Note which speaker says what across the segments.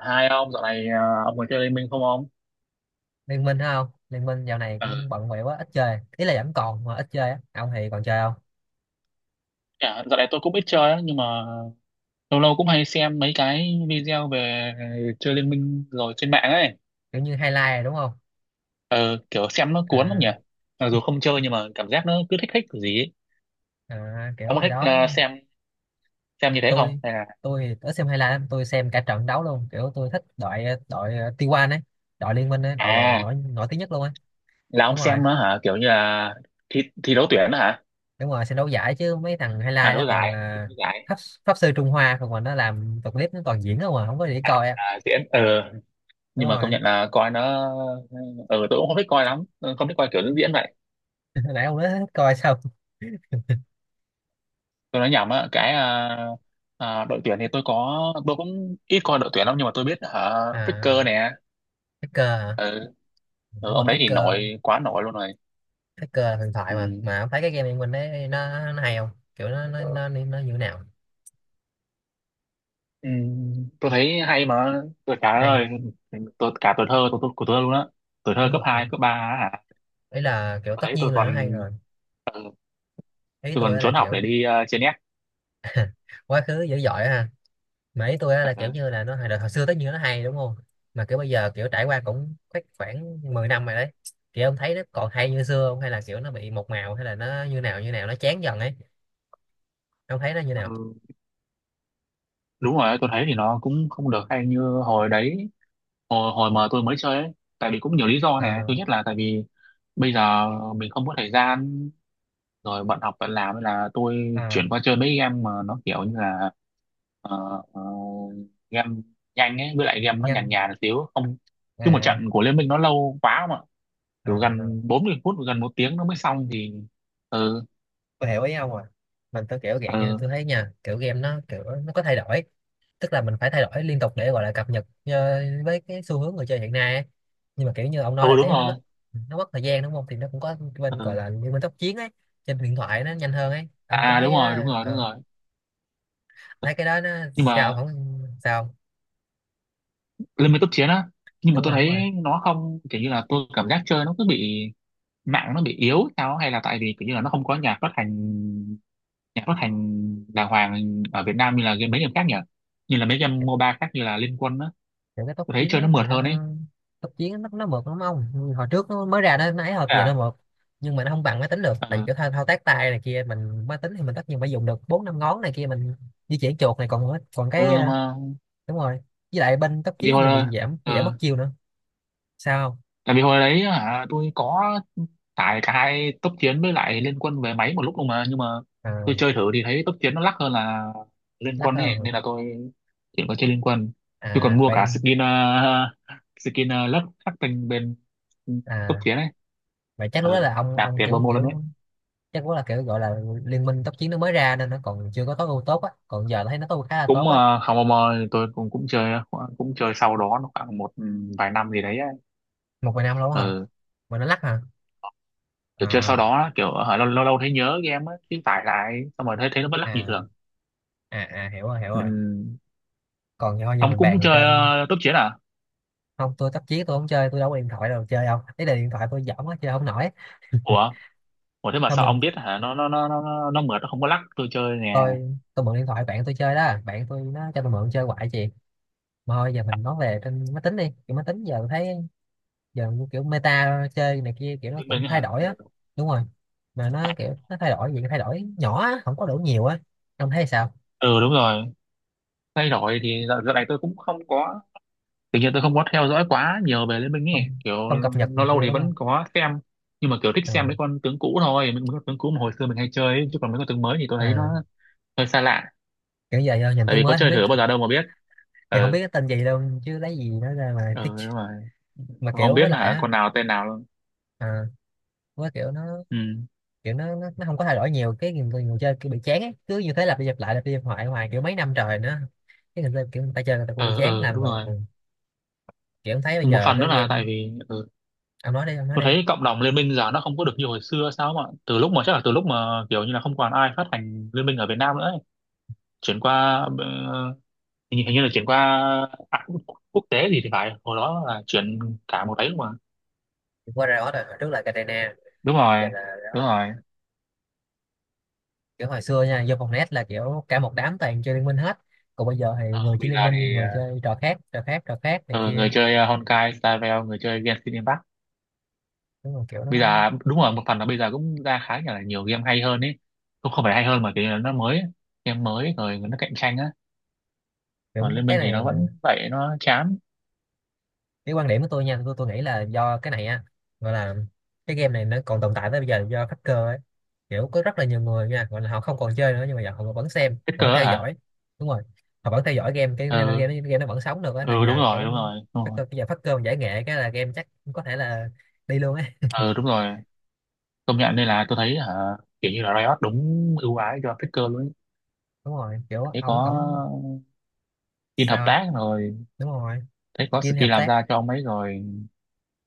Speaker 1: Hai ông dạo này à, ông có chơi Liên Minh không ông?
Speaker 2: Liên Minh hay không Liên Minh, dạo này
Speaker 1: Ờ,
Speaker 2: cũng bận bịu quá, ít chơi. Ý là vẫn còn mà ít chơi á. Ông thì còn chơi không?
Speaker 1: dạ, dạo này tôi cũng ít chơi á, nhưng mà lâu lâu cũng hay xem mấy cái video về chơi Liên Minh rồi trên mạng ấy.
Speaker 2: Kiểu như highlight rồi đúng không?
Speaker 1: Ờ, Kiểu xem nó cuốn lắm nhỉ.
Speaker 2: À,
Speaker 1: Mặc dù không chơi nhưng mà cảm giác nó cứ thích thích cái gì ấy.
Speaker 2: à, kiểu
Speaker 1: Ông có
Speaker 2: hồi
Speaker 1: thích
Speaker 2: đó
Speaker 1: xem như thế không
Speaker 2: tôi
Speaker 1: hay là?
Speaker 2: tôi thì ít xem highlight lắm, tôi xem cả trận đấu luôn. Kiểu tôi thích đội đội T1 ấy, đội Liên Minh ấy, đội gọi là
Speaker 1: À,
Speaker 2: nổi nổi tiếng nhất luôn ấy.
Speaker 1: là ông
Speaker 2: Đúng
Speaker 1: xem
Speaker 2: rồi,
Speaker 1: nó hả, kiểu như là thi thi đấu tuyển đó hả?
Speaker 2: đúng rồi, xem đấu giải chứ mấy thằng
Speaker 1: À,
Speaker 2: highlight đó
Speaker 1: đấu
Speaker 2: toàn
Speaker 1: giải, thi
Speaker 2: là
Speaker 1: đấu giải.
Speaker 2: pháp, pháp sư Trung Hoa, còn mà nó làm tập clip nó toàn diễn không mà không có gì để coi á.
Speaker 1: À, diễn. Ờ
Speaker 2: Đúng
Speaker 1: nhưng mà công
Speaker 2: rồi.
Speaker 1: nhận là coi nó... ờ tôi cũng không thích coi lắm, không thích coi kiểu diễn vậy.
Speaker 2: Nãy ông nói hết coi xong.
Speaker 1: Tôi nói nhầm á cái đội tuyển thì tôi có, tôi cũng ít coi đội tuyển lắm nhưng mà tôi biết hả. Faker
Speaker 2: À,
Speaker 1: nè.
Speaker 2: Faker hả?
Speaker 1: ừ,
Speaker 2: Đúng rồi,
Speaker 1: ông đấy thì
Speaker 2: Faker.
Speaker 1: nổi quá, nổi luôn rồi.
Speaker 2: Cái cờ là huyền thoại
Speaker 1: Ừ.
Speaker 2: Mà ông thấy cái game Liên Minh đấy nó hay không? Kiểu nó như thế nào?
Speaker 1: Ừ. Tôi thấy hay mà, tôi cả
Speaker 2: Hay.
Speaker 1: ơi tôi cả tuổi thơ tôi của tôi luôn á. Tuổi thơ
Speaker 2: Đúng
Speaker 1: cấp
Speaker 2: rồi,
Speaker 1: 2 cấp 3 á hả?
Speaker 2: ý là kiểu
Speaker 1: Ở
Speaker 2: tất
Speaker 1: đấy tôi
Speaker 2: nhiên là
Speaker 1: còn...
Speaker 2: nó hay rồi.
Speaker 1: ừ,
Speaker 2: Ý
Speaker 1: tôi
Speaker 2: tôi
Speaker 1: còn
Speaker 2: á là
Speaker 1: trốn học để
Speaker 2: kiểu
Speaker 1: đi trên net.
Speaker 2: quá khứ dữ dội ha. Mà ý tôi á là kiểu như là nó hồi xưa tất nhiên nó hay đúng không? Mà kiểu bây giờ kiểu trải qua cũng khoảng khoảng 10 năm rồi đấy, kiểu ông thấy nó còn hay như xưa không, hay là kiểu nó bị một màu, hay là nó như nào như nào, nó chán dần ấy. Ông thấy nó như nào?
Speaker 1: Ừ. Đúng rồi, tôi thấy thì nó cũng không được hay như hồi đấy, hồi hồi mà tôi mới chơi ấy. Tại vì cũng nhiều lý do, này
Speaker 2: À,
Speaker 1: thứ nhất là tại vì bây giờ mình không có thời gian, rồi bận học bận làm nên là tôi
Speaker 2: à,
Speaker 1: chuyển qua chơi mấy game mà nó kiểu như là ờ, ờ, game nhanh ấy, với lại game nó nhàn
Speaker 2: nhanh.
Speaker 1: nhàn một xíu không. Chứ một trận
Speaker 2: À,
Speaker 1: của Liên Minh nó lâu quá mà, kiểu
Speaker 2: à.
Speaker 1: gần 40 phút gần một tiếng nó mới xong thì. Ừ.
Speaker 2: Tôi hiểu ý ông rồi. Mình tôi kiểu dạng như
Speaker 1: Ừ.
Speaker 2: tôi thấy nha, kiểu game nó kiểu nó có thay đổi, tức là mình phải thay đổi liên tục để gọi là cập nhật với cái xu hướng người chơi hiện nay ấy. Nhưng mà kiểu như ông nói
Speaker 1: Ừ
Speaker 2: là
Speaker 1: đúng
Speaker 2: cái nó
Speaker 1: rồi.
Speaker 2: mất nó mất thời gian đúng không, thì nó cũng có bên gọi
Speaker 1: Ừ.
Speaker 2: là như bên tốc chiến ấy, trên điện thoại nó nhanh hơn ấy. Ông có
Speaker 1: À
Speaker 2: thấy
Speaker 1: đúng
Speaker 2: cái
Speaker 1: rồi, đúng
Speaker 2: đó
Speaker 1: rồi, đúng rồi.
Speaker 2: thấy cái đó nó
Speaker 1: Nhưng
Speaker 2: sao
Speaker 1: mà
Speaker 2: không sao.
Speaker 1: lên mấy cấp chiến á, nhưng mà
Speaker 2: Đúng
Speaker 1: tôi
Speaker 2: rồi, đúng rồi,
Speaker 1: thấy nó không kiểu như là, tôi cảm giác chơi nó cứ bị mạng nó bị yếu sao á, hay là tại vì kiểu như là nó không có nhà phát hành, nhà phát hành đàng hoàng ở Việt Nam như là game mấy game khác nhỉ. Như là mấy game MOBA khác như là Liên Quân á,
Speaker 2: những cái tốc
Speaker 1: tôi thấy
Speaker 2: chiến
Speaker 1: chơi nó
Speaker 2: ấy
Speaker 1: mượt
Speaker 2: thì
Speaker 1: hơn ấy.
Speaker 2: nó, tốc chiến nó mượt lắm ông. Hồi trước nó mới ra nó ấy, hồi
Speaker 1: Thế
Speaker 2: bây giờ nó
Speaker 1: à.
Speaker 2: mượt. Nhưng mà nó không bằng máy tính được, tại vì
Speaker 1: Ừ,
Speaker 2: cái thao tác tay này kia, mình máy tính thì mình tất nhiên phải dùng được bốn năm ngón này kia, mình di chuyển chuột này, còn còn cái
Speaker 1: ừ mà
Speaker 2: đúng rồi, với lại bên tốc
Speaker 1: vì
Speaker 2: chiến
Speaker 1: hồi
Speaker 2: thì bị
Speaker 1: đó,
Speaker 2: giảm bị giảm mất
Speaker 1: ừ,
Speaker 2: chiêu nữa. Sao không?
Speaker 1: tại vì hồi đấy hả tôi có tải cả hai tốc chiến với lại Liên Quân về máy một lúc luôn mà, nhưng mà
Speaker 2: À,
Speaker 1: tôi chơi thử thì thấy tốc chiến nó lắc hơn là Liên
Speaker 2: lắc
Speaker 1: Quân ấy
Speaker 2: hơn.
Speaker 1: nên là tôi thì có chơi Liên Quân. Tôi còn
Speaker 2: À
Speaker 1: mua
Speaker 2: vậy,
Speaker 1: cả skin skin lớp khắc tinh bên cấp
Speaker 2: à
Speaker 1: tiến ấy.
Speaker 2: vậy, chắc lúc đó
Speaker 1: Ờ,
Speaker 2: là ông
Speaker 1: nạp
Speaker 2: ông
Speaker 1: tiền vào
Speaker 2: kiểu
Speaker 1: mua luôn đấy.
Speaker 2: kiểu, chắc lúc đó là kiểu gọi là liên minh tốc chiến nó mới ra nên nó còn chưa có tối ưu tốt á, còn giờ thấy nó tối ưu khá là
Speaker 1: Cũng
Speaker 2: tốt á.
Speaker 1: không mò, tôi cũng cũng chơi, cũng chơi sau đó nó khoảng một vài năm gì đấy ấy.
Speaker 2: Một vài năm luôn á hả?
Speaker 1: Ờ,
Speaker 2: Mà nó lắc hả?
Speaker 1: kiểu chơi sau
Speaker 2: À,
Speaker 1: đó kiểu lâu lâu lâu thấy nhớ game ấy cái tải lại xong rồi thấy thấy nó vẫn lắc như
Speaker 2: à,
Speaker 1: thường.
Speaker 2: à, à, hiểu rồi, hiểu rồi.
Speaker 1: Ừm,
Speaker 2: Còn thôi giờ
Speaker 1: ông
Speaker 2: mình
Speaker 1: cũng
Speaker 2: bàn
Speaker 1: chơi
Speaker 2: trên,
Speaker 1: tốc chiến à?
Speaker 2: không, tôi tắt chiếc, tôi không chơi, tôi đâu có điện thoại đâu chơi đâu. Ý là điện thoại tôi dởm quá chơi không nổi.
Speaker 1: Ủa, ủa thế mà
Speaker 2: Thôi
Speaker 1: sao ông
Speaker 2: mình,
Speaker 1: biết hả, nó mượt nó không có lắc, tôi chơi nè.
Speaker 2: tôi mượn điện thoại bạn tôi chơi đó, bạn tôi nó cho tôi mượn chơi hoài chị. Mà thôi giờ mình nói về trên máy tính đi, kiểu máy tính giờ tôi thấy, giờ kiểu meta chơi này kia kiểu nó cũng
Speaker 1: Mình
Speaker 2: thay
Speaker 1: hả?
Speaker 2: đổi á.
Speaker 1: Ờ,
Speaker 2: Đúng rồi. Mà nó
Speaker 1: À.
Speaker 2: kiểu nó thay đổi gì, cái thay đổi nhỏ á, không có đủ nhiều á. Ông thấy sao?
Speaker 1: Ừ đúng rồi, thay đổi thì dạo dạo này tôi cũng không có, tự nhiên tôi không có theo dõi quá nhiều về Liên Minh ấy
Speaker 2: Không,
Speaker 1: kiểu.
Speaker 2: không cập nhật này
Speaker 1: Lâu lâu
Speaker 2: kia
Speaker 1: thì
Speaker 2: đúng không?
Speaker 1: vẫn có xem nhưng mà kiểu thích
Speaker 2: Ờ,
Speaker 1: xem mấy con tướng cũ thôi, mấy mấy con tướng cũ mà hồi xưa mình hay chơi ấy. Chứ còn mấy con tướng mới thì tôi thấy nó
Speaker 2: à,
Speaker 1: hơi xa lạ.
Speaker 2: kiểu giờ do nhìn
Speaker 1: Tại
Speaker 2: tướng
Speaker 1: vì có
Speaker 2: mới không
Speaker 1: chơi
Speaker 2: biết,
Speaker 1: thử bao giờ đâu mà biết.
Speaker 2: kiểu không
Speaker 1: Ừ.
Speaker 2: biết cái tên gì đâu chứ lấy gì nó ra mà
Speaker 1: Ừ
Speaker 2: thích.
Speaker 1: đúng rồi.
Speaker 2: Mà
Speaker 1: Không
Speaker 2: kiểu
Speaker 1: biết
Speaker 2: với lại
Speaker 1: là
Speaker 2: á,
Speaker 1: con nào tên nào luôn.
Speaker 2: à, với kiểu nó
Speaker 1: Ừ.
Speaker 2: kiểu nó không có thay đổi nhiều, cái người chơi kiểu bị chán ấy. Cứ như thế lặp đi lặp lại lặp đi lặp lại hoài kiểu mấy năm trời nữa, cái người chơi kiểu người ta chơi người ta cũng bị
Speaker 1: Ừ.
Speaker 2: chán
Speaker 1: Ừ
Speaker 2: làm
Speaker 1: đúng
Speaker 2: rồi, ừ.
Speaker 1: rồi.
Speaker 2: Kiểu thấy bây
Speaker 1: Một
Speaker 2: giờ
Speaker 1: phần nữa
Speaker 2: cái
Speaker 1: là
Speaker 2: game,
Speaker 1: tại vì ừ,
Speaker 2: ông nói đi, ông nói
Speaker 1: tôi
Speaker 2: đi,
Speaker 1: thấy cộng đồng Liên Minh giờ nó không có được như hồi xưa sao, mà từ lúc mà chắc là từ lúc mà kiểu như là không còn ai phát hành Liên Minh ở Việt Nam nữa ấy. Chuyển qua ờ, hình như là chuyển qua à, quốc, quốc tế gì thì phải, hồi đó là chuyển cả một ấy mà.
Speaker 2: qua Riot rồi, hồi trước là Katarina,
Speaker 1: Đúng
Speaker 2: giờ
Speaker 1: rồi,
Speaker 2: là
Speaker 1: đúng
Speaker 2: Riot.
Speaker 1: rồi.
Speaker 2: Kiểu hồi xưa nha, vô phòng net là kiểu cả một đám toàn chơi liên minh hết, còn bây giờ thì người chơi
Speaker 1: Bây
Speaker 2: liên
Speaker 1: giờ
Speaker 2: minh,
Speaker 1: thì
Speaker 2: người chơi trò khác trò khác trò khác này
Speaker 1: ờ, người
Speaker 2: kia.
Speaker 1: chơi Honkai Star Rail, người chơi Genshin Impact.
Speaker 2: Đúng rồi, kiểu
Speaker 1: Bây
Speaker 2: nó,
Speaker 1: giờ đúng rồi, một phần là bây giờ cũng ra khá là nhiều game hay hơn ấy, cũng không phải hay hơn mà kiểu như là nó mới ấy. Game mới rồi nó cạnh tranh á, còn
Speaker 2: kiểu
Speaker 1: Liên
Speaker 2: cái
Speaker 1: Minh thì
Speaker 2: này
Speaker 1: nó
Speaker 2: mà,
Speaker 1: vẫn vậy, nó chán.
Speaker 2: cái quan điểm của tôi nha, tôi nghĩ là do cái này á, gọi là cái game này nó còn tồn tại tới bây giờ do hacker ấy. Kiểu có rất là nhiều người nha, gọi là họ không còn chơi nữa nhưng mà giờ họ vẫn xem
Speaker 1: Hết
Speaker 2: vẫn
Speaker 1: cơ á
Speaker 2: theo
Speaker 1: hả?
Speaker 2: dõi. Đúng rồi, họ vẫn theo dõi game, cái nên
Speaker 1: Ừ.
Speaker 2: game nó vẫn sống được á, là
Speaker 1: Ừ đúng
Speaker 2: nhờ
Speaker 1: rồi,
Speaker 2: kiểu
Speaker 1: đúng rồi, đúng rồi.
Speaker 2: hacker. Bây giờ hacker giải nghệ cái là game chắc có thể là đi luôn ấy.
Speaker 1: Ừ đúng rồi, công nhận đây là tôi thấy hả, kiểu như là Riot đúng ưu ái cho Faker luôn ấy.
Speaker 2: Đúng rồi, kiểu
Speaker 1: Thế
Speaker 2: ổng
Speaker 1: có
Speaker 2: ổng
Speaker 1: skin hợp
Speaker 2: sao.
Speaker 1: tác rồi,
Speaker 2: Đúng rồi,
Speaker 1: thấy có skin
Speaker 2: Kim hợp
Speaker 1: làm
Speaker 2: tác
Speaker 1: ra cho ông ấy rồi.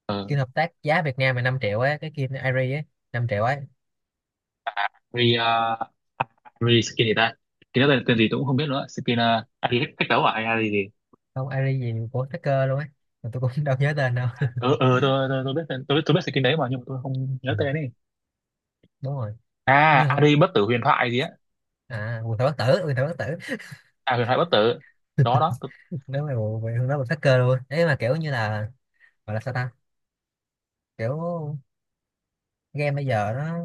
Speaker 1: Ờ,
Speaker 2: Kim hợp tác giá Việt Nam là 5 triệu ấy, cái Kim Airy ấy, 5 triệu ấy.
Speaker 1: re re skin gì ta, skin đó tên gì tôi cũng không biết nữa, skin gì cách cách đấu à hay là gì.
Speaker 2: Không, Airy gì của hacker luôn ấy, mà tôi cũng đâu nhớ tên đâu.
Speaker 1: Ờ ờ, tôi tôi biết tên, tôi biết, tôi biết skin đấy mà nhưng mà tôi không
Speaker 2: Ừ,
Speaker 1: nhớ tên ấy.
Speaker 2: đúng rồi.
Speaker 1: À,
Speaker 2: Như,
Speaker 1: Ari bất tử huyền thoại gì á.
Speaker 2: à, quần thảo bất tử, quần thảo bất tử.
Speaker 1: À, huyền thoại bất tử. Đó đó tôi,
Speaker 2: Nếu mà bộ về hướng đó mình phát cơ luôn ấy, mà kiểu như là, gọi là sao ta, kiểu game bây giờ nó.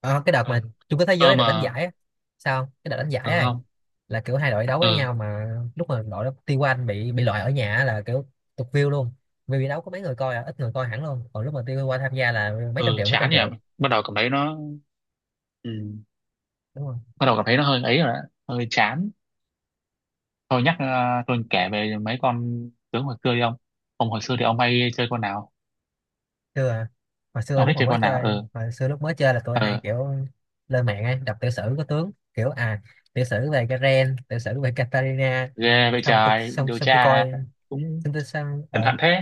Speaker 2: Ờ, cái đợt mà
Speaker 1: ờ
Speaker 2: chung kết thế
Speaker 1: ờ
Speaker 2: giới được đánh
Speaker 1: mà
Speaker 2: giải á. Sao không? Cái đợt đánh
Speaker 1: ừ
Speaker 2: giải ấy
Speaker 1: không.
Speaker 2: là kiểu hai đội đấu với
Speaker 1: Ờ
Speaker 2: nhau mà, lúc mà đội T1 bị loại ở nhà á là kiểu tụt view luôn, vì bị đấu có mấy người coi, à, ít người coi hẳn luôn, còn lúc mà T1 tham gia là mấy
Speaker 1: ờ
Speaker 2: trăm triệu, mấy trăm
Speaker 1: chán nhỉ,
Speaker 2: triệu.
Speaker 1: bắt đầu cảm thấy nó ừ,
Speaker 2: Đúng rồi.
Speaker 1: bắt đầu cảm thấy nó hơi ấy rồi á, hơi chán. Thôi nhắc tôi kể về mấy con tướng hồi xưa đi ông. Ông hồi xưa thì ông hay chơi con nào,
Speaker 2: Xưa à? Hồi xưa
Speaker 1: ông thích
Speaker 2: lúc mà
Speaker 1: chơi
Speaker 2: mới
Speaker 1: con nào?
Speaker 2: chơi,
Speaker 1: Ừ.
Speaker 2: hồi xưa lúc mới chơi là tôi hay
Speaker 1: Ờ,
Speaker 2: kiểu lên mạng ấy đọc tiểu sử của tướng, kiểu à, tiểu sử về Garen, tiểu sử về Katarina.
Speaker 1: ghê vậy
Speaker 2: xong tôi
Speaker 1: trời,
Speaker 2: xong
Speaker 1: điều
Speaker 2: xong tôi
Speaker 1: tra
Speaker 2: coi
Speaker 1: cũng
Speaker 2: xong tôi xong
Speaker 1: cẩn
Speaker 2: ờ
Speaker 1: thận thế.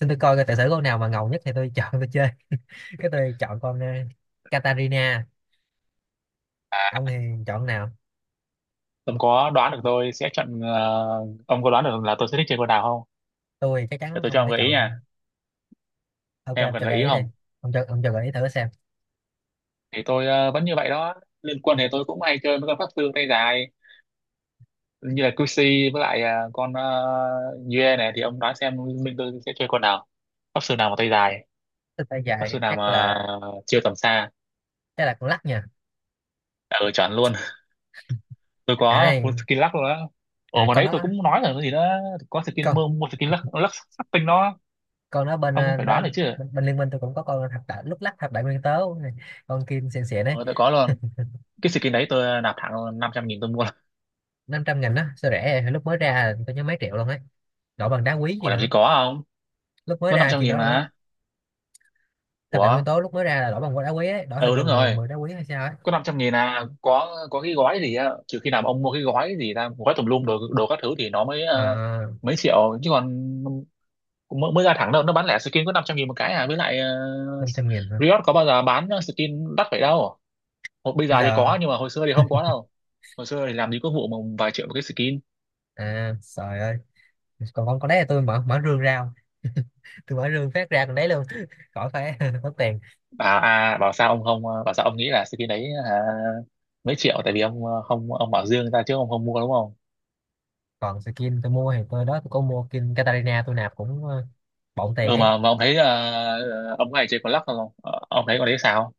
Speaker 2: xong tôi coi cái tiểu sử con nào mà ngầu nhất thì tôi chọn tôi chơi. Cái tôi chọn con Katarina. Ông thì chọn nào?
Speaker 1: Ông có đoán được tôi sẽ chọn, ông có đoán được là tôi sẽ thích chơi con nào không?
Speaker 2: Tôi chắc
Speaker 1: Để
Speaker 2: chắn
Speaker 1: tôi cho
Speaker 2: ông
Speaker 1: ông
Speaker 2: sẽ
Speaker 1: gợi ý
Speaker 2: chọn.
Speaker 1: nha,
Speaker 2: Ok
Speaker 1: hay ông
Speaker 2: ông
Speaker 1: cần
Speaker 2: cho
Speaker 1: gợi
Speaker 2: gợi
Speaker 1: ý
Speaker 2: ý đi.
Speaker 1: không?
Speaker 2: Ông cho, ông cho gợi ý thử xem.
Speaker 1: Thì tôi vẫn như vậy đó, liên quân thì tôi cũng hay chơi với con pháp sư tay dài, như là Cuxi với lại con Yue này, thì ông đoán xem mình tôi sẽ chơi con nào? Pháp sư nào mà tay dài,
Speaker 2: Tôi tay
Speaker 1: pháp
Speaker 2: dài,
Speaker 1: sư nào
Speaker 2: chắc
Speaker 1: mà
Speaker 2: là,
Speaker 1: chiêu tầm xa,
Speaker 2: chắc là con lắc nha.
Speaker 1: ừ, chọn luôn. Tôi có
Speaker 2: À,
Speaker 1: full skill lắc luôn á. Ồ
Speaker 2: à,
Speaker 1: mà
Speaker 2: con
Speaker 1: đấy tôi
Speaker 2: đó.
Speaker 1: cũng nói rồi cái gì đó, có skin
Speaker 2: con
Speaker 1: mua skin lắc tinh đó,
Speaker 2: con đó bên
Speaker 1: ông cũng phải
Speaker 2: đó,
Speaker 1: đoán được chứ.
Speaker 2: bên liên minh tôi cũng có con thập đại lúc lắc, thập đại nguyên tố này. Con kim xịn xịn đấy.
Speaker 1: Ờ, tôi có luôn. Cái skin đấy tôi nạp thẳng 500.000 tôi mua.
Speaker 2: Năm trăm nghìn đó sao rẻ vậy? Lúc mới ra tôi nhớ mấy triệu luôn ấy, đổi bằng đá quý
Speaker 1: Ủa
Speaker 2: gì
Speaker 1: làm gì
Speaker 2: nữa.
Speaker 1: có không?
Speaker 2: Lúc mới
Speaker 1: Có năm
Speaker 2: ra
Speaker 1: trăm
Speaker 2: khi
Speaker 1: nghìn
Speaker 2: đó luôn á.
Speaker 1: mà.
Speaker 2: Thập đại nguyên
Speaker 1: Ủa?
Speaker 2: tố lúc mới ra là đổi bằng đá quý ấy, đổi hình
Speaker 1: Ừ
Speaker 2: như
Speaker 1: đúng
Speaker 2: mười
Speaker 1: rồi.
Speaker 2: mười đá quý hay sao ấy.
Speaker 1: Có 500 nghìn à. Có cái gói gì á. Trừ khi nào mà ông mua cái gói gì ra, gói tùm lum đồ các thứ thì nó mới
Speaker 2: À,
Speaker 1: mấy triệu. Chứ còn mới ra thẳng đâu. Nó bán lẻ skin có 500.000 một cái à. Với lại uh,
Speaker 2: 500.000 hả?
Speaker 1: Riot có bao giờ bán skin đắt vậy đâu. Hồi, bây
Speaker 2: Bây
Speaker 1: giờ thì
Speaker 2: giờ,
Speaker 1: có nhưng mà hồi xưa thì không có đâu. Hồi xưa thì làm gì có vụ mà vài triệu một cái skin.
Speaker 2: à trời ơi. Còn con đấy là tôi mở mở rương ra không? Tôi mở rương phát ra còn đấy luôn. Khỏi phải mất tiền.
Speaker 1: Bảo à, bảo sao ông không bảo sao ông nghĩ là skin đấy hả mấy triệu, tại vì ông không, ông bảo dương ra chứ ông không mua đúng không.
Speaker 2: Còn skin tôi mua thì tôi đó, tôi có mua skin Katarina, tôi nạp cũng bộn tiền
Speaker 1: Ừ
Speaker 2: ấy.
Speaker 1: mà ông thấy ông này chơi có lắc không? Ờ, ông thấy con đấy sao?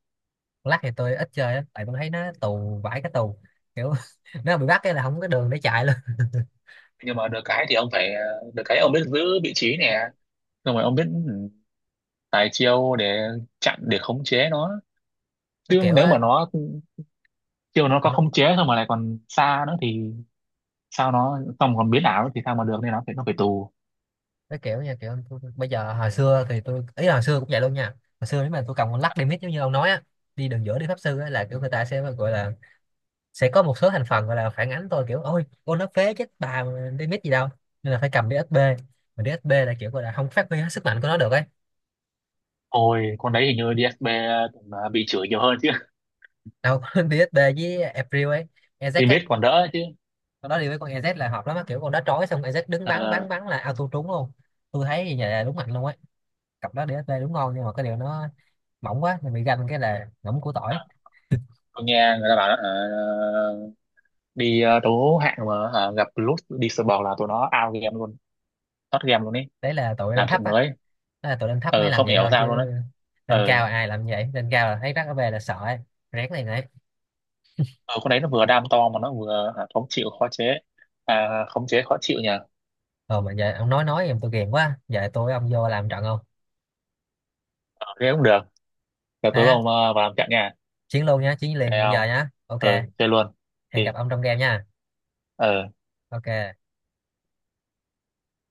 Speaker 2: Lắc thì tôi ít chơi á, tại tôi thấy nó tù vãi, cái tù kiểu nó bị bắt cái là không có đường để chạy luôn.
Speaker 1: Nhưng mà được cái thì ông phải được cái ông biết giữ vị trí nè, xong rồi ông biết ừ, tài chiêu để chặn, để khống chế nó.
Speaker 2: Nó
Speaker 1: Chứ
Speaker 2: kiểu
Speaker 1: nếu mà
Speaker 2: á,
Speaker 1: nó chiêu nó có
Speaker 2: nó,
Speaker 1: khống chế xong mà lại còn xa nữa thì sao, nó xong còn biến ảo nữa thì sao mà được, nên nó phải tù.
Speaker 2: nó kiểu nha, kiểu tôi, bây giờ hồi xưa thì tôi, ý là hồi xưa cũng vậy luôn nha. Hồi xưa nếu mà tôi cầm con lắc đi mít giống như ông nói á, đi đường giữa đi Pháp Sư á, là kiểu người ta sẽ gọi là, sẽ có một số thành phần gọi là phản ánh tôi kiểu ôi con nó phế chết bà mà đi mít gì đâu, nên là phải cầm DSP. Mà DSP là kiểu gọi là không phát huy hết sức mạnh của nó được ấy.
Speaker 1: Ôi, con đấy hình như DSP cũng, à, bị chửi nhiều hơn chứ.
Speaker 2: Đâu, DSP với April ấy, Ezek á,
Speaker 1: Limit còn đỡ chứ.
Speaker 2: con đó đi với con EZ là hợp lắm á. Kiểu con đó trói xong EZ đứng bắn
Speaker 1: Ờ,
Speaker 2: bắn bắn là auto trúng luôn. Tôi thấy như vậy là đúng mạnh luôn á, cặp đó DSP đúng ngon, nhưng mà cái điều nó mỏng quá mình bị ganh cái là ngỗng củ tỏi.
Speaker 1: tôi nghe người ta bảo đi đấu hạng mà gặp Lút đi sờ bò là tụi nó out game luôn, thoát game luôn ấy.
Speaker 2: Đấy là tụi lên
Speaker 1: Làm
Speaker 2: thấp
Speaker 1: chuyện
Speaker 2: á,
Speaker 1: mới.
Speaker 2: đó là tụi lên thấp mới
Speaker 1: Ờ
Speaker 2: làm
Speaker 1: không
Speaker 2: vậy
Speaker 1: hiểu
Speaker 2: thôi
Speaker 1: sao luôn đấy.
Speaker 2: chứ lên cao
Speaker 1: Ờ,
Speaker 2: ai làm vậy. Lên cao là thấy rắc ở về là sợ ấy, rén này này.
Speaker 1: ờ, con đấy nó vừa đam to mà nó vừa khống chịu khó chế, à, khống chế khó chịu nhỉ.
Speaker 2: Ờ mà giờ ông nói em tôi ghiền quá, giờ tôi với ông vô làm trận không?
Speaker 1: Ờ, thế cũng được, giờ
Speaker 2: Thế
Speaker 1: tối
Speaker 2: á,
Speaker 1: vào làm trận nha.
Speaker 2: chiến luôn nhá, chiến
Speaker 1: Ok
Speaker 2: liền bây giờ
Speaker 1: không?
Speaker 2: nhá, ok.
Speaker 1: Ờ, chơi luôn thì
Speaker 2: Hẹn gặp ông trong game nha.
Speaker 1: ờ.
Speaker 2: Ok.